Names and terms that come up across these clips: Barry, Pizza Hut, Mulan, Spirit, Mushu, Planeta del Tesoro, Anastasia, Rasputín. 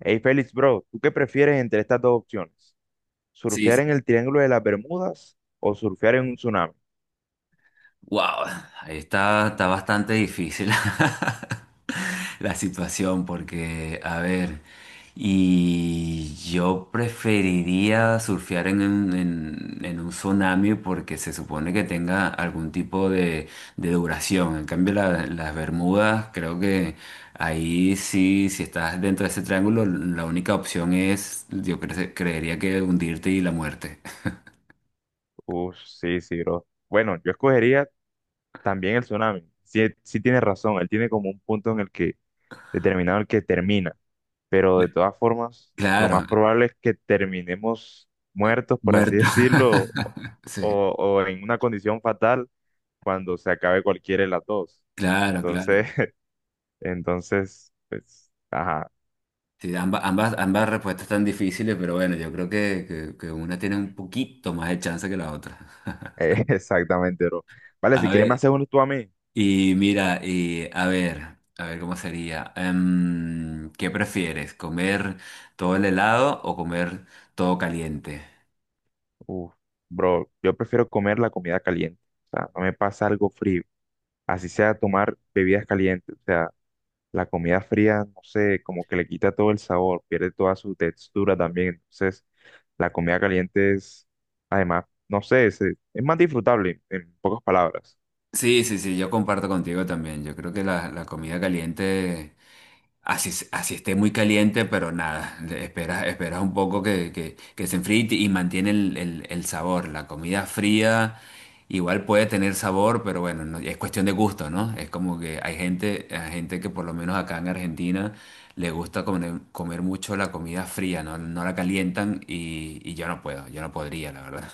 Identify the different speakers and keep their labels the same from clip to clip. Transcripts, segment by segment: Speaker 1: Hey Félix, bro, ¿tú qué prefieres entre estas dos opciones?
Speaker 2: Sí,
Speaker 1: ¿Surfear
Speaker 2: sí.
Speaker 1: en el Triángulo de las Bermudas o surfear en un tsunami?
Speaker 2: Wow, ahí está bastante difícil la situación porque, a ver, y yo preferiría surfear en un tsunami porque se supone que tenga algún tipo de duración. En cambio, las Bermudas, creo que ahí sí, si estás dentro de ese triángulo, la única opción es, yo creería que hundirte y la muerte.
Speaker 1: Uf, sí, sí, bro. Bueno, yo escogería también el tsunami. Sí, sí tienes razón, él tiene como un punto en el que determinado el que termina, pero de todas formas, lo
Speaker 2: Claro.
Speaker 1: más probable es que terminemos muertos, por así
Speaker 2: Muerto.
Speaker 1: decirlo,
Speaker 2: Sí,
Speaker 1: o en una condición fatal cuando se acabe cualquiera de las dos.
Speaker 2: claro,
Speaker 1: Entonces,
Speaker 2: claro.
Speaker 1: entonces, pues, ajá.
Speaker 2: Sí, ambas respuestas están difíciles, pero bueno, yo creo que una tiene un poquito más de chance que la otra.
Speaker 1: Exactamente, bro. Vale,
Speaker 2: A
Speaker 1: si quieres me
Speaker 2: ver,
Speaker 1: haces uno tú a mí.
Speaker 2: y mira, y a ver cómo sería. ¿Qué prefieres? ¿Comer todo el helado o comer todo caliente?
Speaker 1: Uf, bro, yo prefiero comer la comida caliente. O sea, no me pasa algo frío. Así sea tomar bebidas calientes. O sea, la comida fría, no sé, como que le quita todo el sabor, pierde toda su textura también. Entonces, la comida caliente es, además, no sé, es más disfrutable, en pocas palabras.
Speaker 2: Sí, sí, sí, yo comparto contigo también. Yo creo que la comida caliente, así, así esté muy caliente, pero nada, esperas un poco que se enfríe y y mantiene el sabor. La comida fría igual puede tener sabor, pero bueno, es cuestión de gusto, ¿no? Es como que hay gente que por lo menos acá en Argentina le gusta comer mucho la comida fría, ¿no? No la calientan y yo no puedo, yo no podría, la verdad.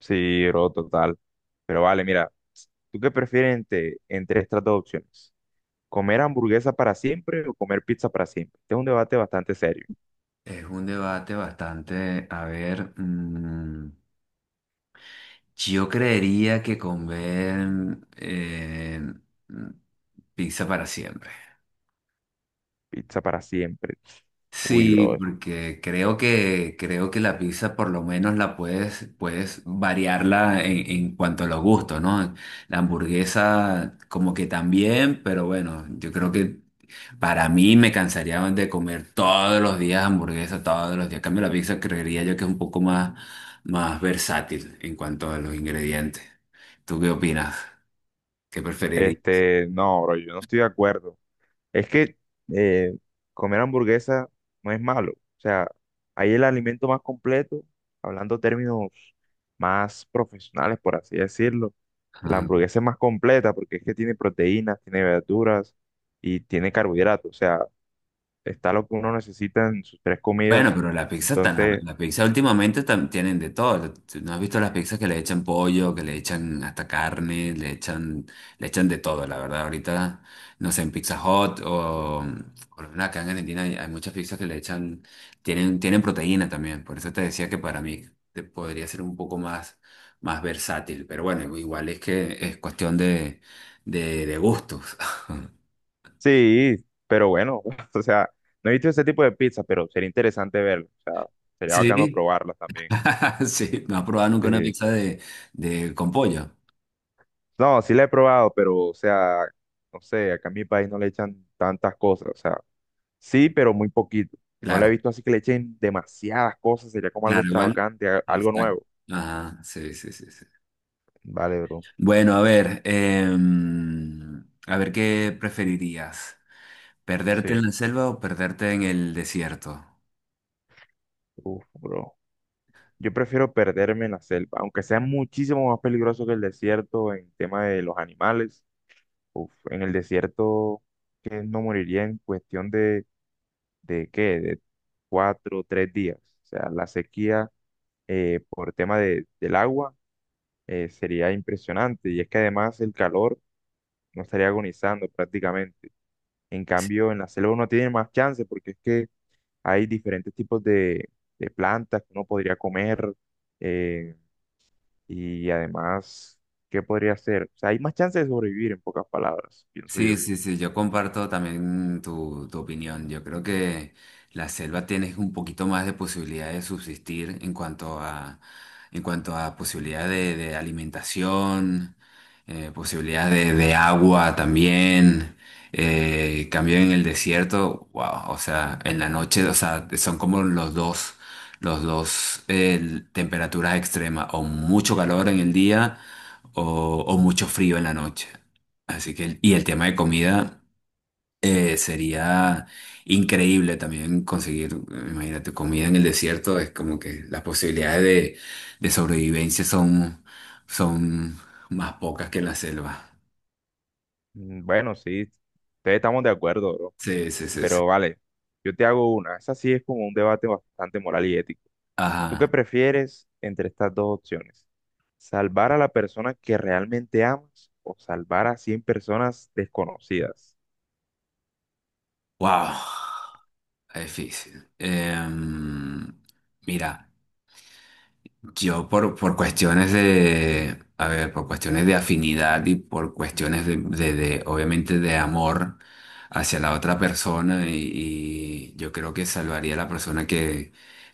Speaker 1: Sí, bro, total. Pero vale, mira, ¿tú qué prefieres entre estas dos opciones? ¿Comer hamburguesa para siempre o comer pizza para siempre? Este es un debate bastante serio.
Speaker 2: Es un debate bastante, a ver, yo creería que comer mm, pizza para siempre.
Speaker 1: Pizza para siempre. Uy,
Speaker 2: Sí,
Speaker 1: bro.
Speaker 2: porque creo que la pizza por lo menos la puedes variarla en cuanto a los gustos, ¿no? La hamburguesa como que también, pero bueno, yo creo que para mí me cansaría de comer todos los días hamburguesa, todos los días. En cambio, la pizza creería yo que es un poco más versátil en cuanto a los ingredientes. ¿Tú qué opinas? ¿Qué preferirías?
Speaker 1: Este, no, bro, yo no estoy de acuerdo. Es que eh, comer hamburguesa no es malo. O sea, hay el alimento más completo, hablando términos más profesionales, por así decirlo. La hamburguesa es más completa porque es que tiene proteínas, tiene verduras y tiene carbohidratos. O sea, está lo que uno necesita en sus tres
Speaker 2: Bueno,
Speaker 1: comidas.
Speaker 2: pero
Speaker 1: Entonces,
Speaker 2: la pizza últimamente tienen de todo. ¿Tú ¿No has visto las pizzas que le echan pollo, que le echan hasta carne, le echan de todo, la verdad? Ahorita, no sé, en Pizza Hut o por lo menos acá en Argentina hay muchas pizzas que tienen proteína también. Por eso te decía que para mí podría ser un poco más versátil. Pero bueno, igual es que es cuestión de gustos.
Speaker 1: sí, pero bueno, o sea, no he visto ese tipo de pizza, pero sería interesante verlo, o sea, sería bacano
Speaker 2: Sí,
Speaker 1: probarlas también.
Speaker 2: sí, no has probado nunca
Speaker 1: Sí.
Speaker 2: una pizza de con pollo.
Speaker 1: No, sí la he probado, pero, o sea, no sé, acá en mi país no le echan tantas cosas, o sea, sí, pero muy poquito. No la he
Speaker 2: Claro,
Speaker 1: visto así que le echen demasiadas cosas, sería como algo
Speaker 2: claro, igual.
Speaker 1: extravagante, algo
Speaker 2: Exacto.
Speaker 1: nuevo.
Speaker 2: Ajá, sí, sí, sí, sí.
Speaker 1: Vale, bro.
Speaker 2: Bueno, a ver, a ver, ¿qué preferirías? ¿Perderte en
Speaker 1: Sí.
Speaker 2: la selva o perderte en el desierto?
Speaker 1: Uf, bro. Yo prefiero perderme en la selva, aunque sea muchísimo más peligroso que el desierto en tema de los animales. Uf, en el desierto, que no moriría en cuestión de qué, de cuatro o tres días. O sea, la sequía por tema de, del agua sería impresionante. Y es que además el calor no estaría agonizando prácticamente. En cambio, en la selva uno tiene más chance porque es que hay diferentes tipos de plantas que uno podría comer. eh, y además, ¿qué podría hacer? O sea, hay más chance de sobrevivir, en pocas palabras, pienso yo.
Speaker 2: Sí, sí, sí, yo comparto también tu opinión. Yo creo que la selva tiene un poquito más de posibilidad de subsistir en cuanto a posibilidad de alimentación, posibilidad de agua también. Cambio en el desierto, wow, o sea, en la noche, o sea, son como los dos temperaturas extremas, o mucho calor en el día o mucho frío en la noche. Así que, y el tema de comida sería increíble también conseguir, imagínate, comida en el desierto, es como que las posibilidades de sobrevivencia son más pocas que en la selva.
Speaker 1: Mm, bueno, sí, ustedes estamos de acuerdo, bro.
Speaker 2: Sí, sí, sí, sí.
Speaker 1: Pero vale, yo te hago una. Esa sí es como un debate bastante moral y ético. ¿Tú qué
Speaker 2: Ajá.
Speaker 1: prefieres entre estas dos opciones? ¿Salvar a la persona que realmente amas o salvar a 100 personas desconocidas?
Speaker 2: Wow. Difícil. Mira. Yo por cuestiones de, a ver, por cuestiones de afinidad y por cuestiones obviamente, de amor hacia la otra persona y yo creo que salvaría a la persona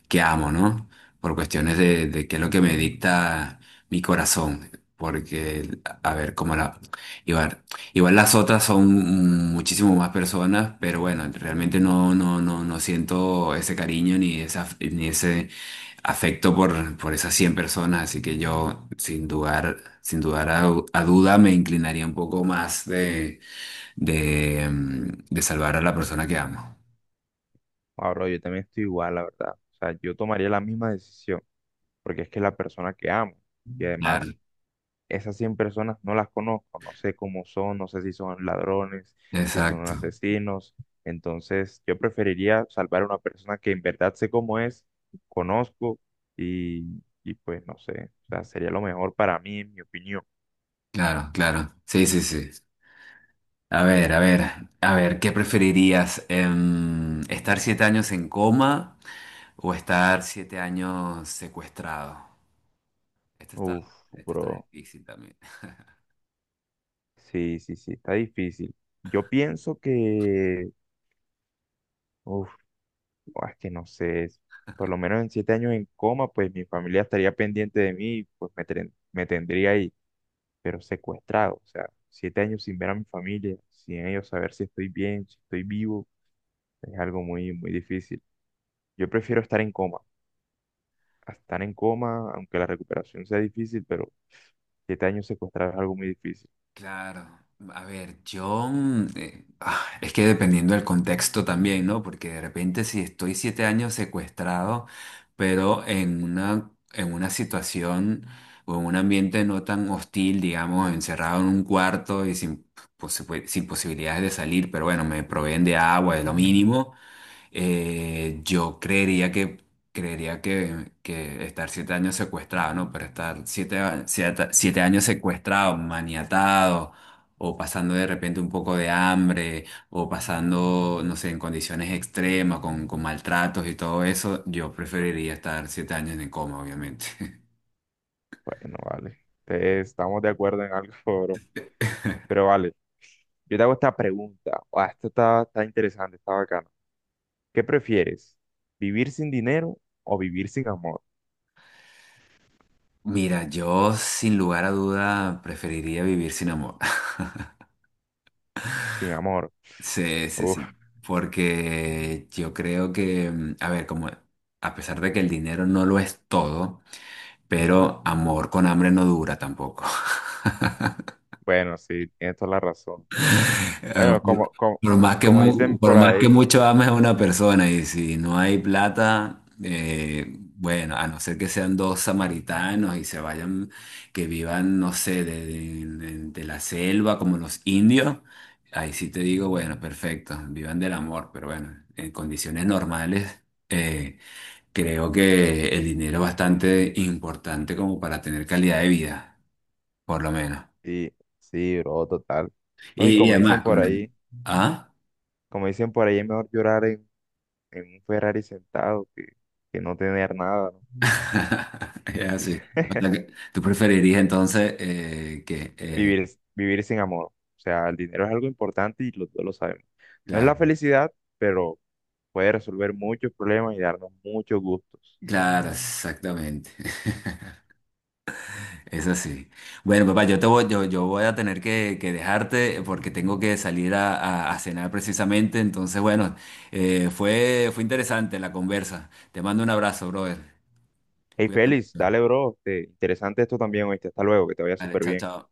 Speaker 2: que amo, ¿no? Por cuestiones de qué es lo que me dicta mi corazón, porque, a ver, como igual, igual las otras son muchísimo más personas, pero bueno, realmente no, no, no, no siento ese cariño ni esa, ni ese afecto por esas 100 personas, así que yo sin dudar, sin dudar a duda me inclinaría un poco más de salvar a la persona que amo.
Speaker 1: Ah, bro, yo también estoy igual, la verdad. O sea, yo tomaría la misma decisión porque es que es la persona que amo y
Speaker 2: Claro,
Speaker 1: además esas 100 personas no las conozco, no sé cómo son, no sé si son ladrones, si son
Speaker 2: exacto,
Speaker 1: asesinos. Entonces, yo preferiría salvar a una persona que en verdad sé cómo es, conozco y pues no sé, o sea, sería lo mejor para mí, en mi opinión.
Speaker 2: claro, claro. Sí, sí, sí. A ver, a ver, a ver, ¿qué preferirías? ¿Estar 7 años en coma o estar 7 años secuestrado? Este está,
Speaker 1: Uf,
Speaker 2: este está
Speaker 1: bro.
Speaker 2: difícil también.
Speaker 1: Sí, sí, sí, está difícil. Yo pienso que, uf, es que no sé, por lo menos en 7 años en coma, pues mi familia estaría pendiente de mí, pues me, me tendría ahí. Pero secuestrado, o sea, 7 años sin ver a mi familia, sin ellos saber si estoy bien, si estoy vivo, es algo muy, muy difícil. Yo prefiero estar en coma, a estar en coma, aunque la recuperación sea difícil, pero 7 años secuestrado es algo muy difícil.
Speaker 2: Claro, a ver, yo es que dependiendo del contexto también, ¿no? Porque de repente si estoy 7 años secuestrado, pero en una situación o en un ambiente no tan hostil, digamos, encerrado en un cuarto y sin, posi- pues, sin posibilidades de salir, pero bueno, me proveen de agua, es lo mínimo. Yo creería que Creería que estar siete años secuestrado, ¿no? Pero estar 7 años secuestrado, maniatado, o pasando de repente un poco de hambre, o pasando, no sé, en condiciones extremas, con maltratos y todo eso, yo preferiría estar 7 años en coma, obviamente.
Speaker 1: Bueno, vale, entonces, estamos de acuerdo en algo, bro. Pero vale, yo te hago esta pregunta, ah, esto está, está interesante, está bacano. ¿Qué prefieres? ¿Vivir sin dinero o vivir sin amor?
Speaker 2: Mira, yo sin lugar a duda preferiría vivir sin amor.
Speaker 1: Sin amor.
Speaker 2: Sí, sí, sí. Porque yo creo que, a ver, como a pesar de que el dinero no lo es todo, pero amor con hambre no dura tampoco.
Speaker 1: Bueno, sí, tienes toda la razón.
Speaker 2: Eh,
Speaker 1: Bueno,
Speaker 2: Por, por
Speaker 1: como dicen por
Speaker 2: más que
Speaker 1: ahí,
Speaker 2: mucho ames a una persona y si no hay plata, bueno, a no ser que sean dos samaritanos y se vayan, que vivan, no sé, de la selva como los indios, ahí sí te digo, bueno, perfecto, vivan del amor, pero bueno, en condiciones normales. eh, creo que el dinero es bastante importante como para tener calidad de vida, por lo menos.
Speaker 1: y sí, bro, total. No, y
Speaker 2: Y
Speaker 1: como
Speaker 2: además,
Speaker 1: dicen por
Speaker 2: con el.
Speaker 1: ahí,
Speaker 2: ¿Ah?
Speaker 1: como dicen por ahí, es mejor llorar en un Ferrari sentado que no tener nada, ¿no?
Speaker 2: Es
Speaker 1: Y
Speaker 2: así. O sea, que tú preferirías entonces
Speaker 1: vivir, vivir sin amor. O sea, el dinero es algo importante y los dos lo sabemos. No es la
Speaker 2: claro,
Speaker 1: felicidad, pero puede resolver muchos problemas y darnos muchos gustos.
Speaker 2: claro, exactamente. Es así. Bueno, papá, yo voy a tener que dejarte porque tengo que salir a cenar precisamente. Entonces, bueno, fue interesante la conversa. Te mando un abrazo, brother.
Speaker 1: Hey,
Speaker 2: Cuídate
Speaker 1: Félix,
Speaker 2: mucho.
Speaker 1: dale, bro. Este, interesante esto también, oíste. Hasta luego, que te vaya
Speaker 2: Vale,
Speaker 1: súper
Speaker 2: chao,
Speaker 1: bien.
Speaker 2: chao.